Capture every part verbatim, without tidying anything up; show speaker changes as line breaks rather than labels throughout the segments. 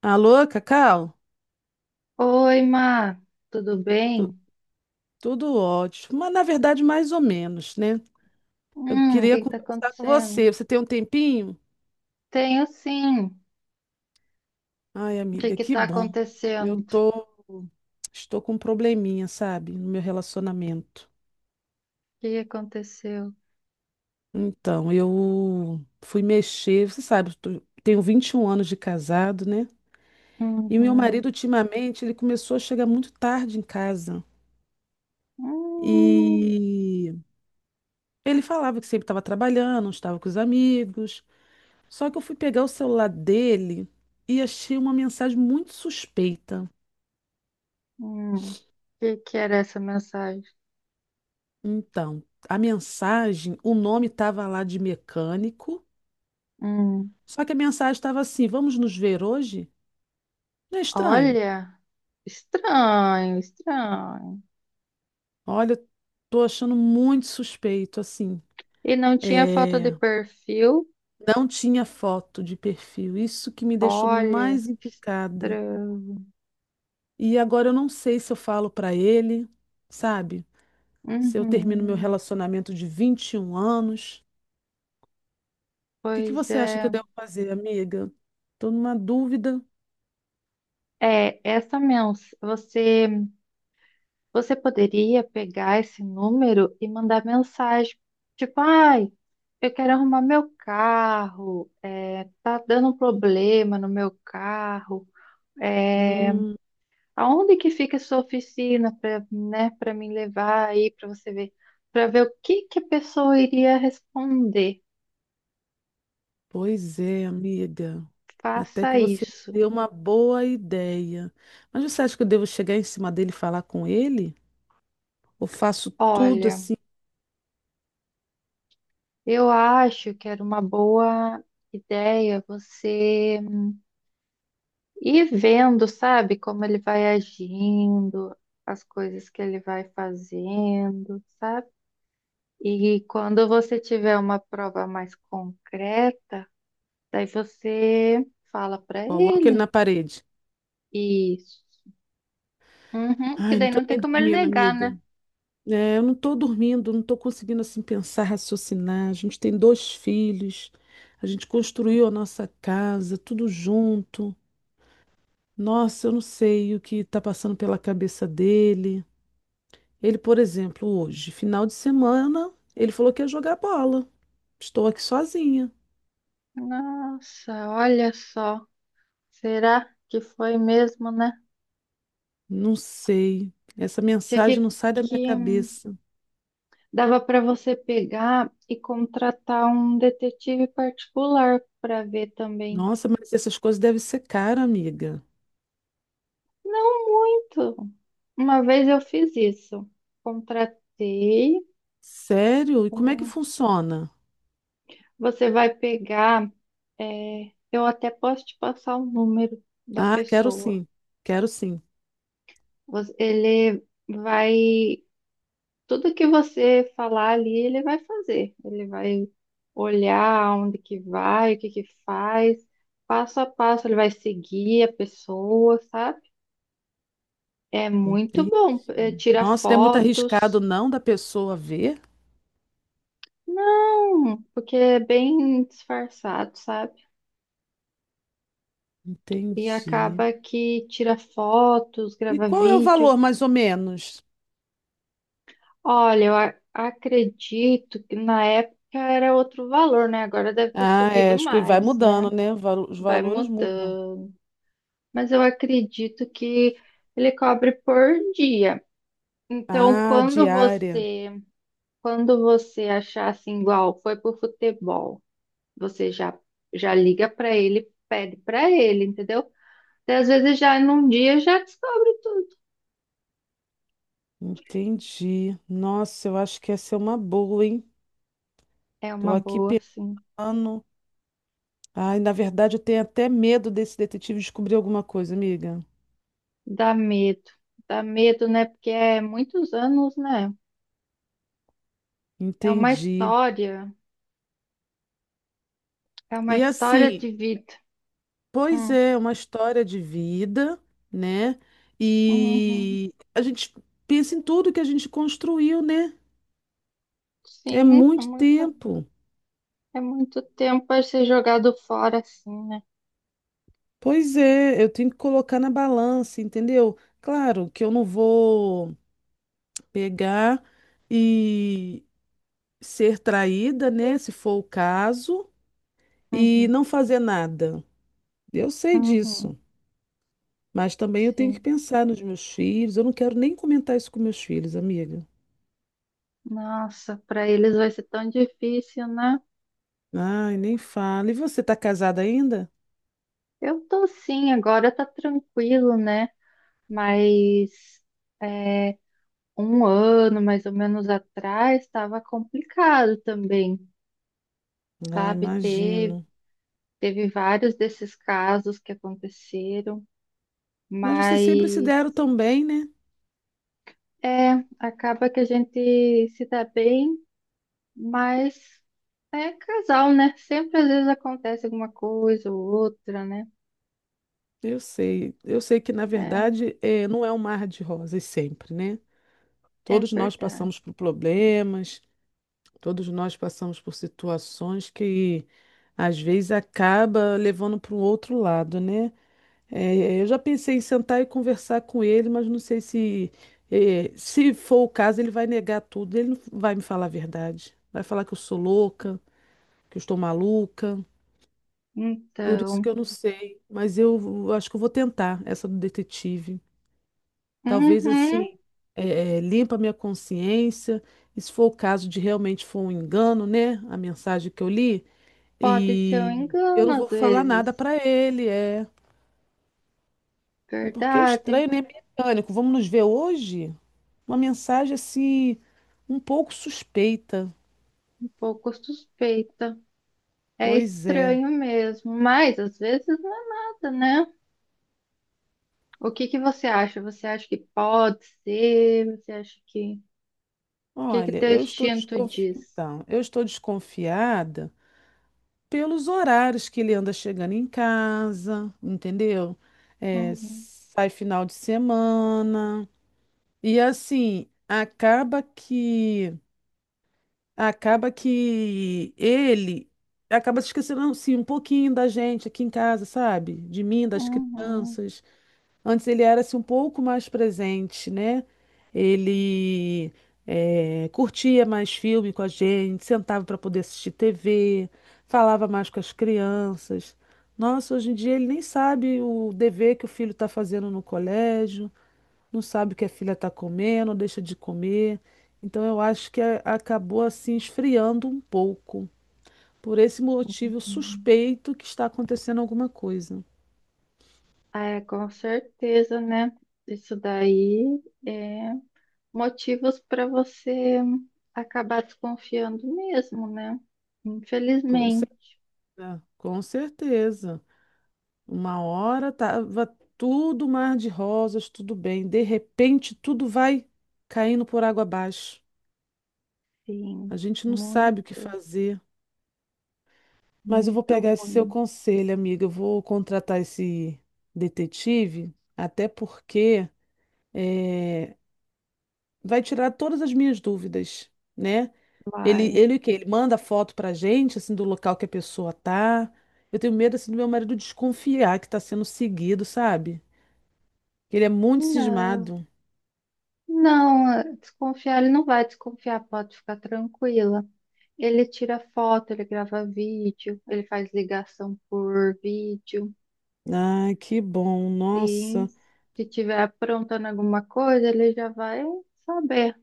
Alô, Cacau?
Oi, Má, tudo bem?
Tu- Tudo ótimo, mas na verdade mais ou menos, né? Eu
Hum, o
queria
que que tá
conversar com
acontecendo?
você. Você tem um tempinho?
Tenho sim.
Ai,
O que
amiga,
que
que
tá
bom. Eu
acontecendo?
tô, Estou com um probleminha, sabe, no meu relacionamento.
O que aconteceu?
Então, eu fui mexer, você sabe, eu tô- tenho vinte e um anos de casado, né? E meu
Uhum.
marido, ultimamente, ele começou a chegar muito tarde em casa.
Hum,
E ele falava que sempre estava trabalhando, não estava com os amigos. Só que eu fui pegar o celular dele e achei uma mensagem muito suspeita.
hum. O que que era essa mensagem?
Então, a mensagem, o nome estava lá de mecânico,
Hum.
só que a mensagem estava assim: vamos nos ver hoje? Não é estranho?
Olha, estranho, estranho.
Olha, tô achando muito suspeito, assim.
E não tinha foto de
É,
perfil?
não tinha foto de perfil, isso que me deixou
Olha,
mais encucada.
estranho.
E agora eu não sei se eu falo para ele, sabe? Se eu termino meu
Uhum.
relacionamento de vinte e um anos. que que
Pois
você acha que eu
é.
devo fazer, amiga? Tô numa dúvida.
É, essa mensagem, você você poderia pegar esse número e mandar mensagem, tipo, ai, eu quero arrumar meu carro, é, tá dando um problema no meu carro, é,
Hum,
aonde que fica a sua oficina para, né, para me levar aí para você ver, para ver o que que a pessoa iria responder.
pois é, amiga. Até que
Faça
você me
isso.
deu uma boa ideia. Mas você acha que eu devo chegar em cima dele e falar com ele? Ou faço tudo
Olha,
assim,
eu acho que era uma boa ideia você. E vendo, sabe, como ele vai agindo, as coisas que ele vai fazendo, sabe? E quando você tiver uma prova mais concreta, daí você fala pra
coloco ele na
ele.
parede?
Isso. Uhum, que
Ai, não
daí
tô
não tem
nem
como ele
dormindo,
negar,
amiga.
né?
É, eu não tô dormindo, não tô conseguindo assim pensar, raciocinar. A gente tem dois filhos, a gente construiu a nossa casa, tudo junto. Nossa, eu não sei o que está passando pela cabeça dele. Ele, por exemplo, hoje, final de semana, ele falou que ia jogar bola. Estou aqui sozinha.
Nossa, olha só. Será que foi mesmo, né?
Não sei. Essa
Tinha
mensagem
que,
não sai da minha
que hum,
cabeça.
Dava pra você pegar e contratar um detetive particular pra ver também.
Nossa, mas essas coisas devem ser caras, amiga.
Uma vez eu fiz isso. Contratei.
Sério? E como é que
um-
funciona?
Você vai pegar. É, eu até posso te passar o número da
Ah, quero
pessoa.
sim. Quero sim.
Você- Ele vai. Tudo que você falar ali, ele vai fazer. Ele vai olhar onde que vai, o que que faz, passo a passo. Ele vai seguir a pessoa, sabe? É muito
Entendi.
bom. É, tira
Nossa, não é muito arriscado
fotos.
não da pessoa ver?
Não, porque é bem disfarçado, sabe? E
Entendi.
acaba que tira fotos,
E
grava
qual é o
vídeo.
valor, mais ou menos?
Olha, eu a- acredito que na época era outro valor, né? Agora deve ter
Ah, é,
subido
acho que vai
mais, né?
mudando, né? Valo- Os
Vai
valores mudam.
mudando. Mas eu acredito que ele cobre por dia. Então,
Ah,
quando
diária.
você, quando você achar assim igual, foi pro futebol, você já já liga para ele, pede para ele, entendeu? Daí, às vezes já num dia já descobre tudo.
Entendi. Nossa, eu acho que essa é uma boa, hein?
É uma
Tô aqui
boa, sim.
pensando. Ai, na verdade, eu tenho até medo desse detetive descobrir alguma coisa, amiga.
Dá medo, dá medo, né? Porque é muitos anos, né? É uma
Entendi.
história, é uma
E
história
assim,
de vida.
pois
Hum,
é, uma história de vida, né?
uhum.
E a gente pensa em tudo que a gente construiu, né? É
Sim, é
muito
muito,
tempo.
é muito tempo para ser jogado fora assim, né?
Pois é, eu tenho que colocar na balança, entendeu? Claro que eu não vou pegar e ser traída, né, se for o caso, e
Uhum,
não fazer nada. Eu sei
uhum,
disso, mas também eu tenho que
sim.
pensar nos meus filhos. Eu não quero nem comentar isso com meus filhos, amiga.
Nossa, para eles vai ser tão difícil, né?
Ai, nem fala. E você tá casada ainda?
Eu tô sim, agora tá tranquilo, né? Mas é, um ano mais ou menos atrás estava complicado também,
Ah,
sabe? Teve
imagino.
Teve vários desses casos que aconteceram,
Mas vocês sempre se
mas
deram tão bem, né?
é, acaba que a gente se dá bem, mas é casal, né? Sempre às vezes acontece alguma coisa ou outra, né?
Eu sei. Eu sei que, na
É,
verdade, é, não é um mar de rosas sempre, né?
é
Todos nós
verdade.
passamos por problemas, todos nós passamos por situações que às vezes acaba levando para um outro lado, né? É, é, eu já pensei em sentar e conversar com ele, mas não sei se, é, se for o caso, ele vai negar tudo, ele não vai me falar a verdade. Vai falar que eu sou louca, que eu estou maluca. Por isso que
Então,
eu não sei, mas eu acho que eu vou tentar essa do detetive. Talvez assim,
uhum,
eh, eh, limpa a minha consciência, e se for o caso de realmente for um engano, né? A mensagem que eu li,
pode ser um
e eu
engano
não
às
vou falar nada
vezes.
para ele, é. É porque é
Verdade,
estranho, né? Mecânico. Vamos nos ver hoje? Uma mensagem assim, um pouco suspeita.
um pouco suspeita. É
Pois é.
estranho mesmo, mas às vezes não é nada, né? O que que você acha? Você acha que pode ser? Você acha que... O que que
Olha,
teu
eu estou
instinto
desconfi...
diz?
Então, eu estou desconfiada pelos horários que ele anda chegando em casa, entendeu? É,
Uhum,
sai final de semana. E assim, acaba que acaba que ele acaba se esquecendo assim um pouquinho da gente aqui em casa, sabe? De mim, das
uhum,
crianças. Antes ele era assim, um pouco mais presente, né? Ele eh, curtia mais filme com a gente, sentava para poder assistir T V, falava mais com as crianças. Nossa, hoje em dia ele nem sabe o dever que o filho está fazendo no colégio, não sabe o que a filha está comendo, deixa de comer. Então eu acho que a- acabou assim esfriando um pouco. Por esse motivo, eu
uhum.
suspeito que está acontecendo alguma coisa.
Ah, é, com certeza, né? Isso daí é motivos para você acabar desconfiando mesmo, né?
Com
Infelizmente,
certeza, com certeza. Uma hora tava tudo mar de rosas, tudo bem. De repente, tudo vai caindo por água abaixo.
sim,
A gente não sabe o que
muito,
fazer. Mas eu vou
muito
pegar esse seu
ruim.
conselho, amiga. Eu vou contratar esse detetive, até porque eh, vai tirar todas as minhas dúvidas, né? Ele,
Vai.
ele o quê? Ele manda foto pra gente, assim, do local que a pessoa tá. Eu tenho medo, assim, do meu marido desconfiar que tá sendo seguido, sabe? Ele é muito
Não,
cismado.
não, eh, desconfiar, ele não vai desconfiar, pode ficar tranquila. Ele tira foto, ele grava vídeo, ele faz ligação por vídeo.
Ai, que bom,
E
nossa,
se tiver aprontando alguma coisa, ele já vai saber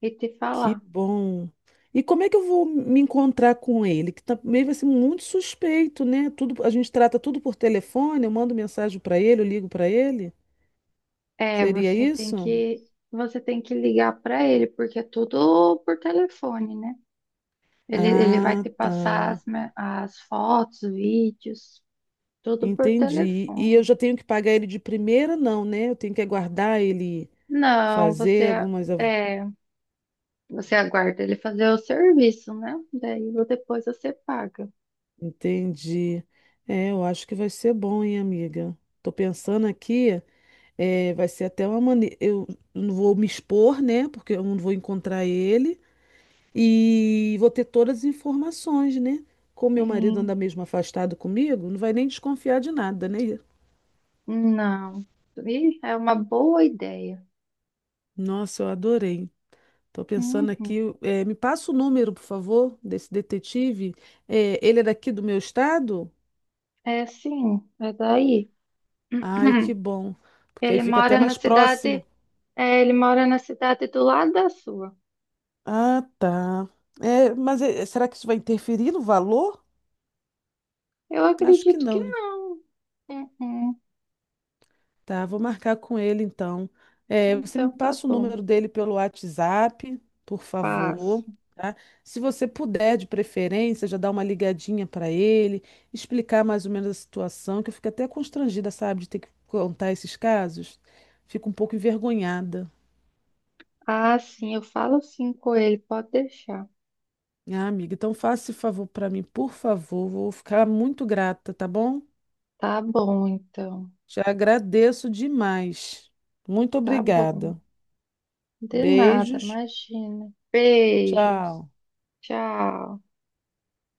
e te
que
falar.
bom. E como é que eu vou me encontrar com ele? Que também vai ser muito suspeito, né? Tudo, a gente trata tudo por telefone, eu mando mensagem para ele, eu ligo para ele.
É,
Seria
você tem
isso?
que você tem que ligar para ele, porque é tudo por telefone, né? Ele, ele vai
Ah,
te
tá.
passar as, me- as fotos, vídeos, tudo por
Entendi. E eu
telefone.
já tenho que pagar ele de primeira, não, né? Eu tenho que aguardar ele
Não,
fazer
você
algumas. av-
é, você aguarda ele fazer o serviço, né? Daí depois você paga.
Entendi. É, eu acho que vai ser bom, hein, amiga? Tô pensando aqui. É, vai ser até uma maneira. Eu não vou me expor, né? Porque eu não vou encontrar ele. E vou ter todas as informações, né? Como meu marido anda
Sim.
mesmo afastado comigo, não vai nem desconfiar de nada, né?
Não. Ih, é uma boa ideia.
Nossa, eu adorei. Tô pensando aqui.
Uhum.
É, me passa o número, por favor, desse detetive. É, ele é daqui do meu estado?
É sim, é daí.
Ai, que bom. Porque aí
Ele
fica até
mora na
mais
cidade,
próximo.
é, ele mora na cidade do lado da sua.
Ah, tá. É, mas é, será que isso vai interferir no valor?
Eu
Acho que
acredito que
não, né?
não. Uhum.
Tá, vou marcar com ele então. É, você
Então
me
tá
passa o
bom.
número dele pelo WhatsApp, por favor,
Passo.
tá? Se você puder, de preferência, já dar uma ligadinha para ele, explicar mais ou menos a situação, que eu fico até constrangida, sabe, de ter que contar esses casos. Fico um pouco envergonhada.
Ah, sim, eu falo sim com ele, pode deixar.
Ah, amiga, então faça esse favor para mim, por favor. Vou ficar muito grata, tá bom?
Tá bom, então.
Já agradeço demais. Muito
Tá bom.
obrigada.
De nada,
Beijos.
imagina. Beijos.
Tchau.
Tchau.